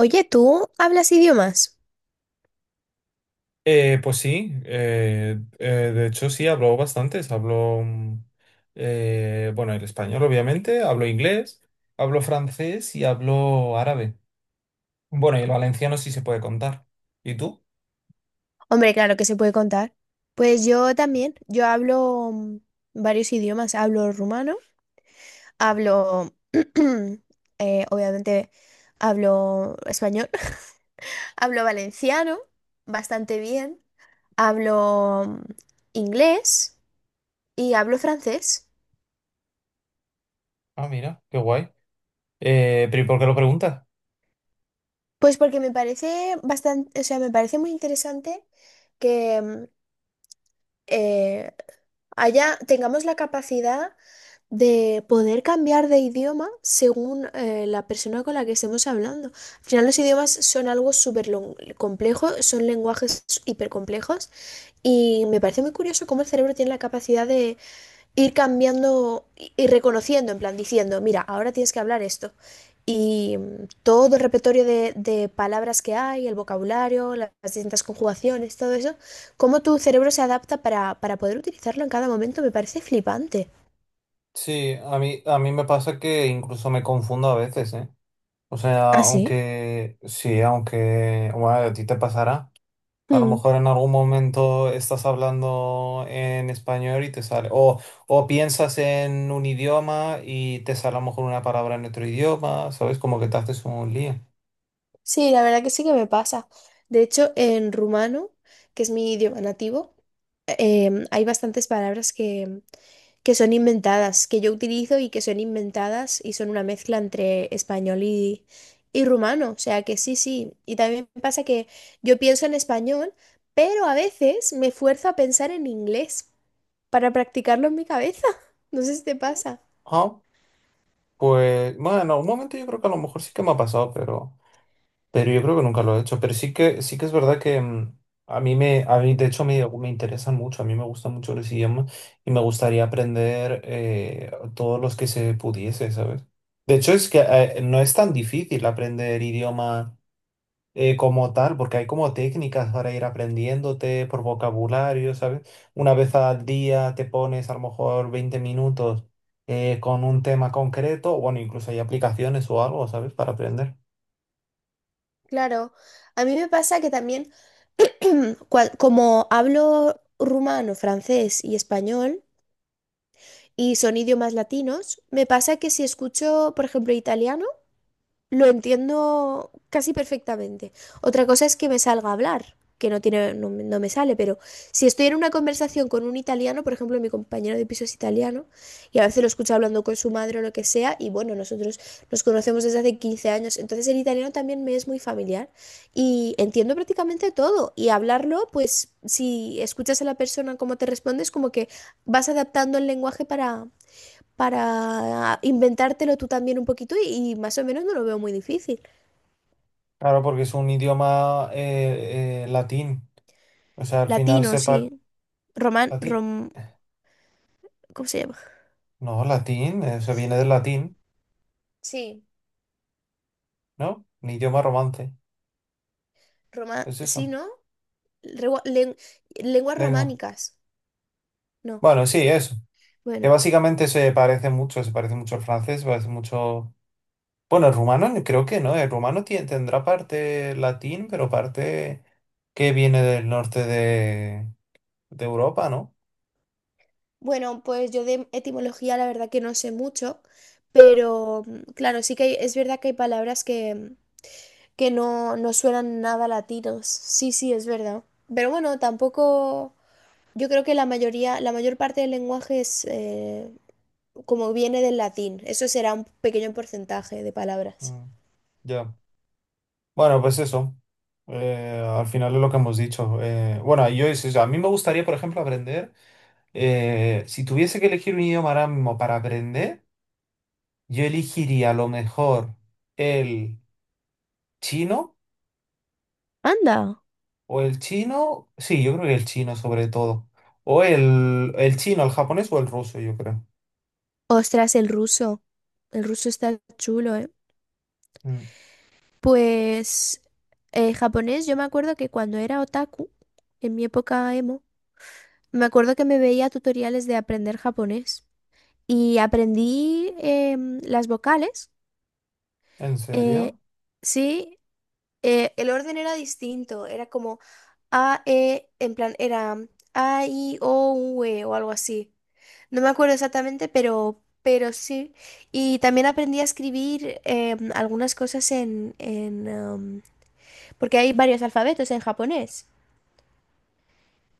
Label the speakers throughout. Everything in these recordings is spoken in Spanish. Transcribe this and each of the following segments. Speaker 1: Oye, ¿tú hablas idiomas?
Speaker 2: Pues sí, de hecho sí, hablo bastantes. Hablo, bueno, el español obviamente, hablo inglés, hablo francés y hablo árabe. Bueno, y el valenciano sí se puede contar. ¿Y tú?
Speaker 1: Hombre, claro que se puede contar. Pues yo también, yo hablo varios idiomas, hablo rumano, hablo, obviamente, hablo español, hablo valenciano bastante bien, hablo inglés y hablo francés.
Speaker 2: Ah, mira, qué guay. Pero ¿y por qué lo preguntas?
Speaker 1: Pues porque me parece bastante, o sea, me parece muy interesante que eh, tengamos la capacidad de poder cambiar de idioma según la persona con la que estemos hablando. Al final los idiomas son algo súper complejo, son lenguajes hipercomplejos y me parece muy curioso cómo el cerebro tiene la capacidad de ir cambiando y reconociendo, en plan diciendo, mira, ahora tienes que hablar esto. Y todo el repertorio de palabras que hay, el vocabulario, las distintas conjugaciones, todo eso, cómo tu cerebro se adapta para poder utilizarlo en cada momento, me parece flipante.
Speaker 2: Sí, a mí me pasa que incluso me confundo a veces, ¿eh? O sea,
Speaker 1: ¿Ah, sí?
Speaker 2: aunque bueno, a ti te pasará. A lo
Speaker 1: Mm.
Speaker 2: mejor en algún momento estás hablando en español y te sale, o piensas en un idioma y te sale a lo mejor una palabra en otro idioma, ¿sabes? Como que te haces un lío.
Speaker 1: Sí, la verdad que sí que me pasa. De hecho, en rumano, que es mi idioma nativo, hay bastantes palabras que son inventadas, que yo utilizo y que son inventadas y son una mezcla entre español y rumano. O sea que sí, sí. Y también me pasa que yo pienso en español, pero a veces me fuerzo a pensar en inglés para practicarlo en mi cabeza. No sé si te pasa.
Speaker 2: Ah, pues bueno, en algún momento yo creo que a lo mejor sí que me ha pasado, pero... Pero yo creo que nunca lo he hecho. Pero sí que es verdad que a mí me, a mí, de hecho, me interesan mucho. A mí me gustan mucho los idiomas y me gustaría aprender todos los que se pudiese, ¿sabes? De hecho, es que no es tan difícil aprender idioma como tal, porque hay como técnicas para ir aprendiéndote por vocabulario, ¿sabes? Una vez al día te pones a lo mejor 20 minutos con un tema concreto, bueno, incluso hay aplicaciones o algo, ¿sabes? Para aprender.
Speaker 1: Claro, a mí me pasa que también... Como hablo rumano, francés y español, y son idiomas latinos, me pasa que si escucho, por ejemplo, italiano, lo entiendo casi perfectamente. Otra cosa es que me salga a hablar, que no tiene, no, me no me sale, pero si estoy en una conversación con un italiano, por ejemplo, mi compañero de piso es italiano, y a veces lo escucho hablando con su madre o lo que sea, y bueno, nosotros nos conocemos desde hace 15 años, entonces el italiano también me es muy familiar y entiendo prácticamente todo. Y hablarlo, pues si escuchas a la persona cómo te responde, es como que vas adaptando el lenguaje para inventártelo tú también un poquito y más o menos no lo veo muy difícil.
Speaker 2: Claro, porque es un idioma latín. O sea, al final
Speaker 1: Latino,
Speaker 2: sepa...
Speaker 1: sí. Román,
Speaker 2: ¿Latín?
Speaker 1: rom, ¿Cómo se llama?
Speaker 2: No, latín, se viene del latín,
Speaker 1: Sí,
Speaker 2: ¿no? Un idioma romance.
Speaker 1: román,
Speaker 2: Es
Speaker 1: sí,
Speaker 2: eso,
Speaker 1: ¿no? Regua- len- lenguas
Speaker 2: lengua.
Speaker 1: románicas. No,
Speaker 2: Bueno, sí, eso. Que
Speaker 1: bueno.
Speaker 2: básicamente se parece mucho al francés, se parece mucho... Bueno, el rumano ni- creo que no. El rumano tie- tendrá parte latín, pero parte que viene del norte de Europa, ¿no?
Speaker 1: Bueno, pues yo de etimología la verdad que no sé mucho, pero claro, sí que es verdad que hay palabras que no suenan nada latinos. Sí, sí, es verdad. Pero bueno, tampoco... Yo creo que la mayoría, la mayor parte del lenguaje es, como viene del latín. Eso será un pequeño porcentaje de palabras.
Speaker 2: Mm, ya. Bueno, pues eso. Al final es lo que hemos dicho. Bueno, yo es eso. A mí me gustaría, por ejemplo, aprender. Si tuviese que elegir un idioma ahora mismo para aprender, yo elegiría a lo mejor el chino
Speaker 1: Anda.
Speaker 2: o el chino. Sí, yo creo que el chino sobre todo. O el chino, el japonés o el ruso, yo creo.
Speaker 1: Ostras, el ruso. El ruso está chulo, ¿eh?
Speaker 2: Mm.
Speaker 1: Pues japonés, yo me acuerdo que cuando era otaku, en mi época emo, me acuerdo que me veía tutoriales de aprender japonés y aprendí las vocales.
Speaker 2: ¿En
Speaker 1: eh,
Speaker 2: serio?
Speaker 1: sí, el orden era distinto, era como A, E, en plan, era A, I, O, U, E o algo así. No me acuerdo exactamente, pero sí. Y también aprendí a escribir algunas cosas porque hay varios alfabetos en japonés.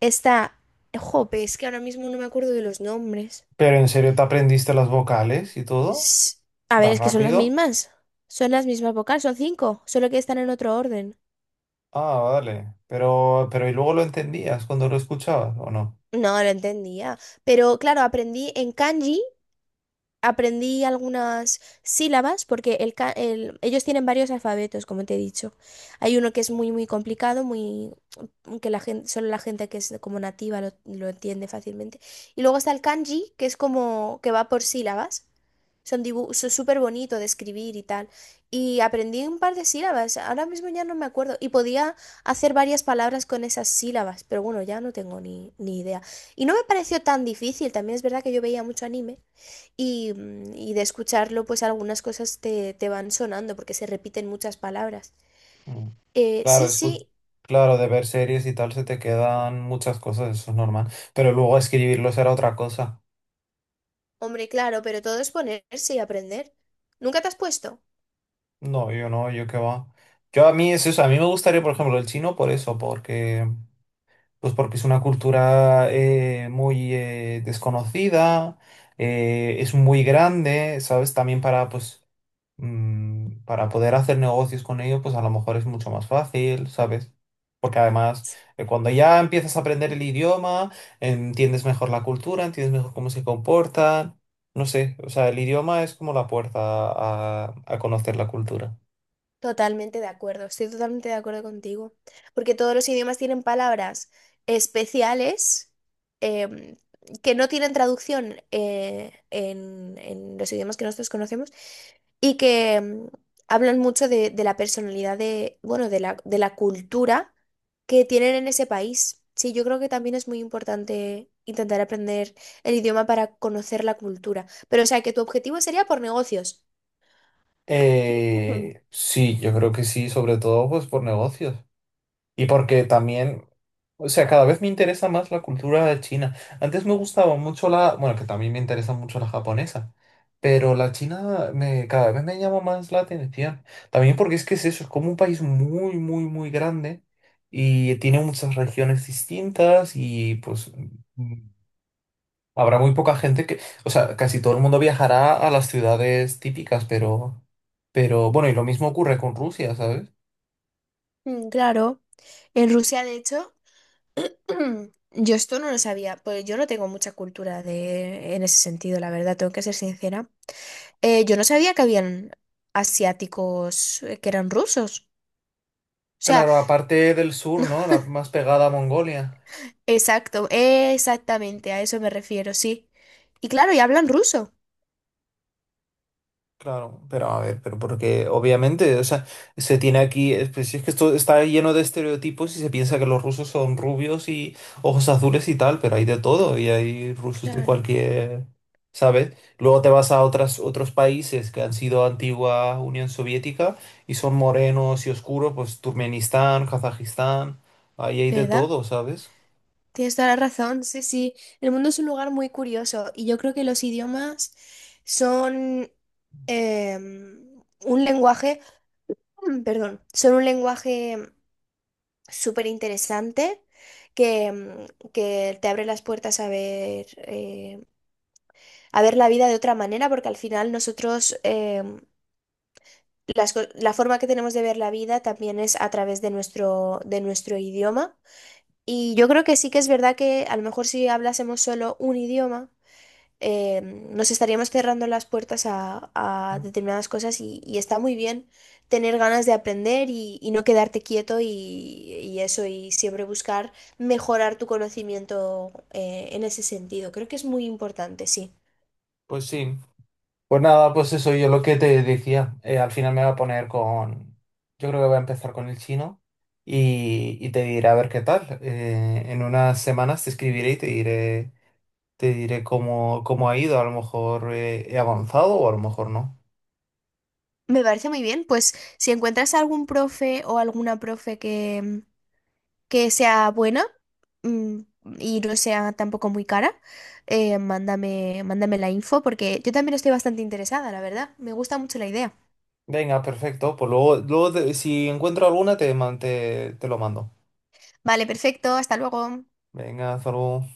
Speaker 1: Está... Jope, es que ahora mismo no me acuerdo de los nombres.
Speaker 2: ¿Pero en serio te aprendiste las vocales y todo?
Speaker 1: S- A ver,
Speaker 2: ¿Tan
Speaker 1: es que son las
Speaker 2: rápido?
Speaker 1: mismas. Son las mismas vocales, son cinco, solo que están en otro orden.
Speaker 2: Ah, vale. Pero ¿y luego lo entendías cuando lo escuchabas o no?
Speaker 1: No, lo entendía. Pero claro, aprendí en kanji. Aprendí algunas sílabas porque ellos tienen varios alfabetos, como te he dicho. Hay uno que es muy, muy complicado, que la gente, solo la gente que es como nativa lo entiende fácilmente. Y luego está el kanji, que es como que va por sílabas. Son dibujos súper bonito de escribir y tal. Y aprendí un par de sílabas, ahora mismo ya no me acuerdo. Y podía hacer varias palabras con esas sílabas, pero bueno, ya no tengo ni idea. Y no me pareció tan difícil, también es verdad que yo veía mucho anime. Y de escucharlo, pues algunas cosas te van sonando porque se repiten muchas palabras.
Speaker 2: Mm. Claro,
Speaker 1: Sí,
Speaker 2: escu-
Speaker 1: sí,
Speaker 2: claro, de ver series y tal se te quedan muchas cosas, eso es normal. Pero luego escribirlos era otra cosa.
Speaker 1: hombre, claro, pero todo es ponerse y aprender. ¿Nunca te has puesto?
Speaker 2: No, yo no, yo qué va. Yo a mí es eso, a mí me gustaría, por ejemplo, el chino por eso, porque pues porque es una cultura muy desconocida, es muy grande, ¿sabes? También para, pues, para poder hacer negocios con ellos, pues a lo mejor es mucho más fácil, ¿sabes? Porque además, cuando ya empiezas a aprender el idioma, entiendes mejor la cultura, entiendes mejor cómo se comportan, no sé, o sea, el idioma es como la puerta a conocer la cultura.
Speaker 1: Totalmente de acuerdo, estoy totalmente de acuerdo contigo, porque todos los idiomas tienen palabras especiales em, que no tienen traducción en los idiomas que nosotros conocemos y que hablan mucho de la personalidad bueno, de la cultura que tienen en ese país. Sí, yo creo que también es muy importante intentar aprender el idioma para conocer la cultura, pero o sea que tu objetivo sería por negocios. Ujú.
Speaker 2: Sí, yo creo que sí, sobre todo pues por negocios. Y porque también, o sea, cada vez me interesa más la cultura de China. Antes me gustaba mucho la, bueno, que también me interesa mucho la japonesa, pero la china me, cada vez me llama más la atención. También porque es que es eso, es como un país muy, muy, muy grande y tiene muchas regiones distintas y pues mm, habrá muy poca gente que, o sea, casi todo el mundo viajará a las ciudades típicas, pero bueno, y lo mismo ocurre con Rusia, ¿sabes?
Speaker 1: Claro. En Rusia, de hecho, yo esto no lo sabía, pues yo no tengo mucha cultura de, en ese sentido, la verdad, tengo que ser sincera. Yo no sabía que habían asiáticos que eran rusos. O sea,
Speaker 2: Claro, aparte del sur, ¿no? La más pegada a Mongolia.
Speaker 1: exacto, exactamente, a eso me refiero, sí. Y claro, y hablan ruso.
Speaker 2: Claro, pero a ver, pero porque obviamente, o sea, se tiene aquí, es- pues, si es que esto está lleno de estereotipos y se piensa que los rusos son rubios y ojos azules y tal, pero hay de todo y hay rusos de
Speaker 1: Claro,
Speaker 2: cualquier, ¿sabes? Luego te vas a otras, otros países que han sido antigua Unión Soviética y son morenos y oscuros, pues Turkmenistán, Kazajistán, ahí hay de
Speaker 1: ¿verdad?
Speaker 2: todo, ¿sabes?
Speaker 1: Tienes toda la razón, sí, sí. El mundo es un lugar muy curioso y yo creo que los idiomas son un lenguaje, perdón, son un lenguaje súper interesante que, que te abre las puertas a ver la vida de otra manera, porque al final nosotros la forma que tenemos de ver la vida también es a través de nuestro idioma. Y yo creo que sí que es verdad que a lo mejor si hablásemos solo un idioma, nos estaríamos cerrando las puertas a
Speaker 2: Mm.
Speaker 1: determinadas cosas y está muy bien tener ganas de aprender y no quedarte quieto y eso, y siempre buscar mejorar tu conocimiento en ese sentido. Creo que es muy importante, sí.
Speaker 2: Pues sí. Pues nada, pues eso, yo lo que te decía, al final me voy a poner con, yo creo que voy a empezar con el chino y te diré a ver qué tal. En unas semanas te escribiré y te diré cómo, cómo ha ido, a lo mejor he avanzado o a lo mejor no.
Speaker 1: Me parece muy bien, pues si encuentras algún profe o alguna profe que sea buena mm, y no sea tampoco muy cara, mándame la info porque yo también estoy bastante interesada, la verdad. Me gusta mucho la idea.
Speaker 2: Venga, perfecto, pues luego, luego te- si encuentro alguna te, man- te lo mando.
Speaker 1: Vale, perfecto, hasta luego.
Speaker 2: Venga, hasta luego.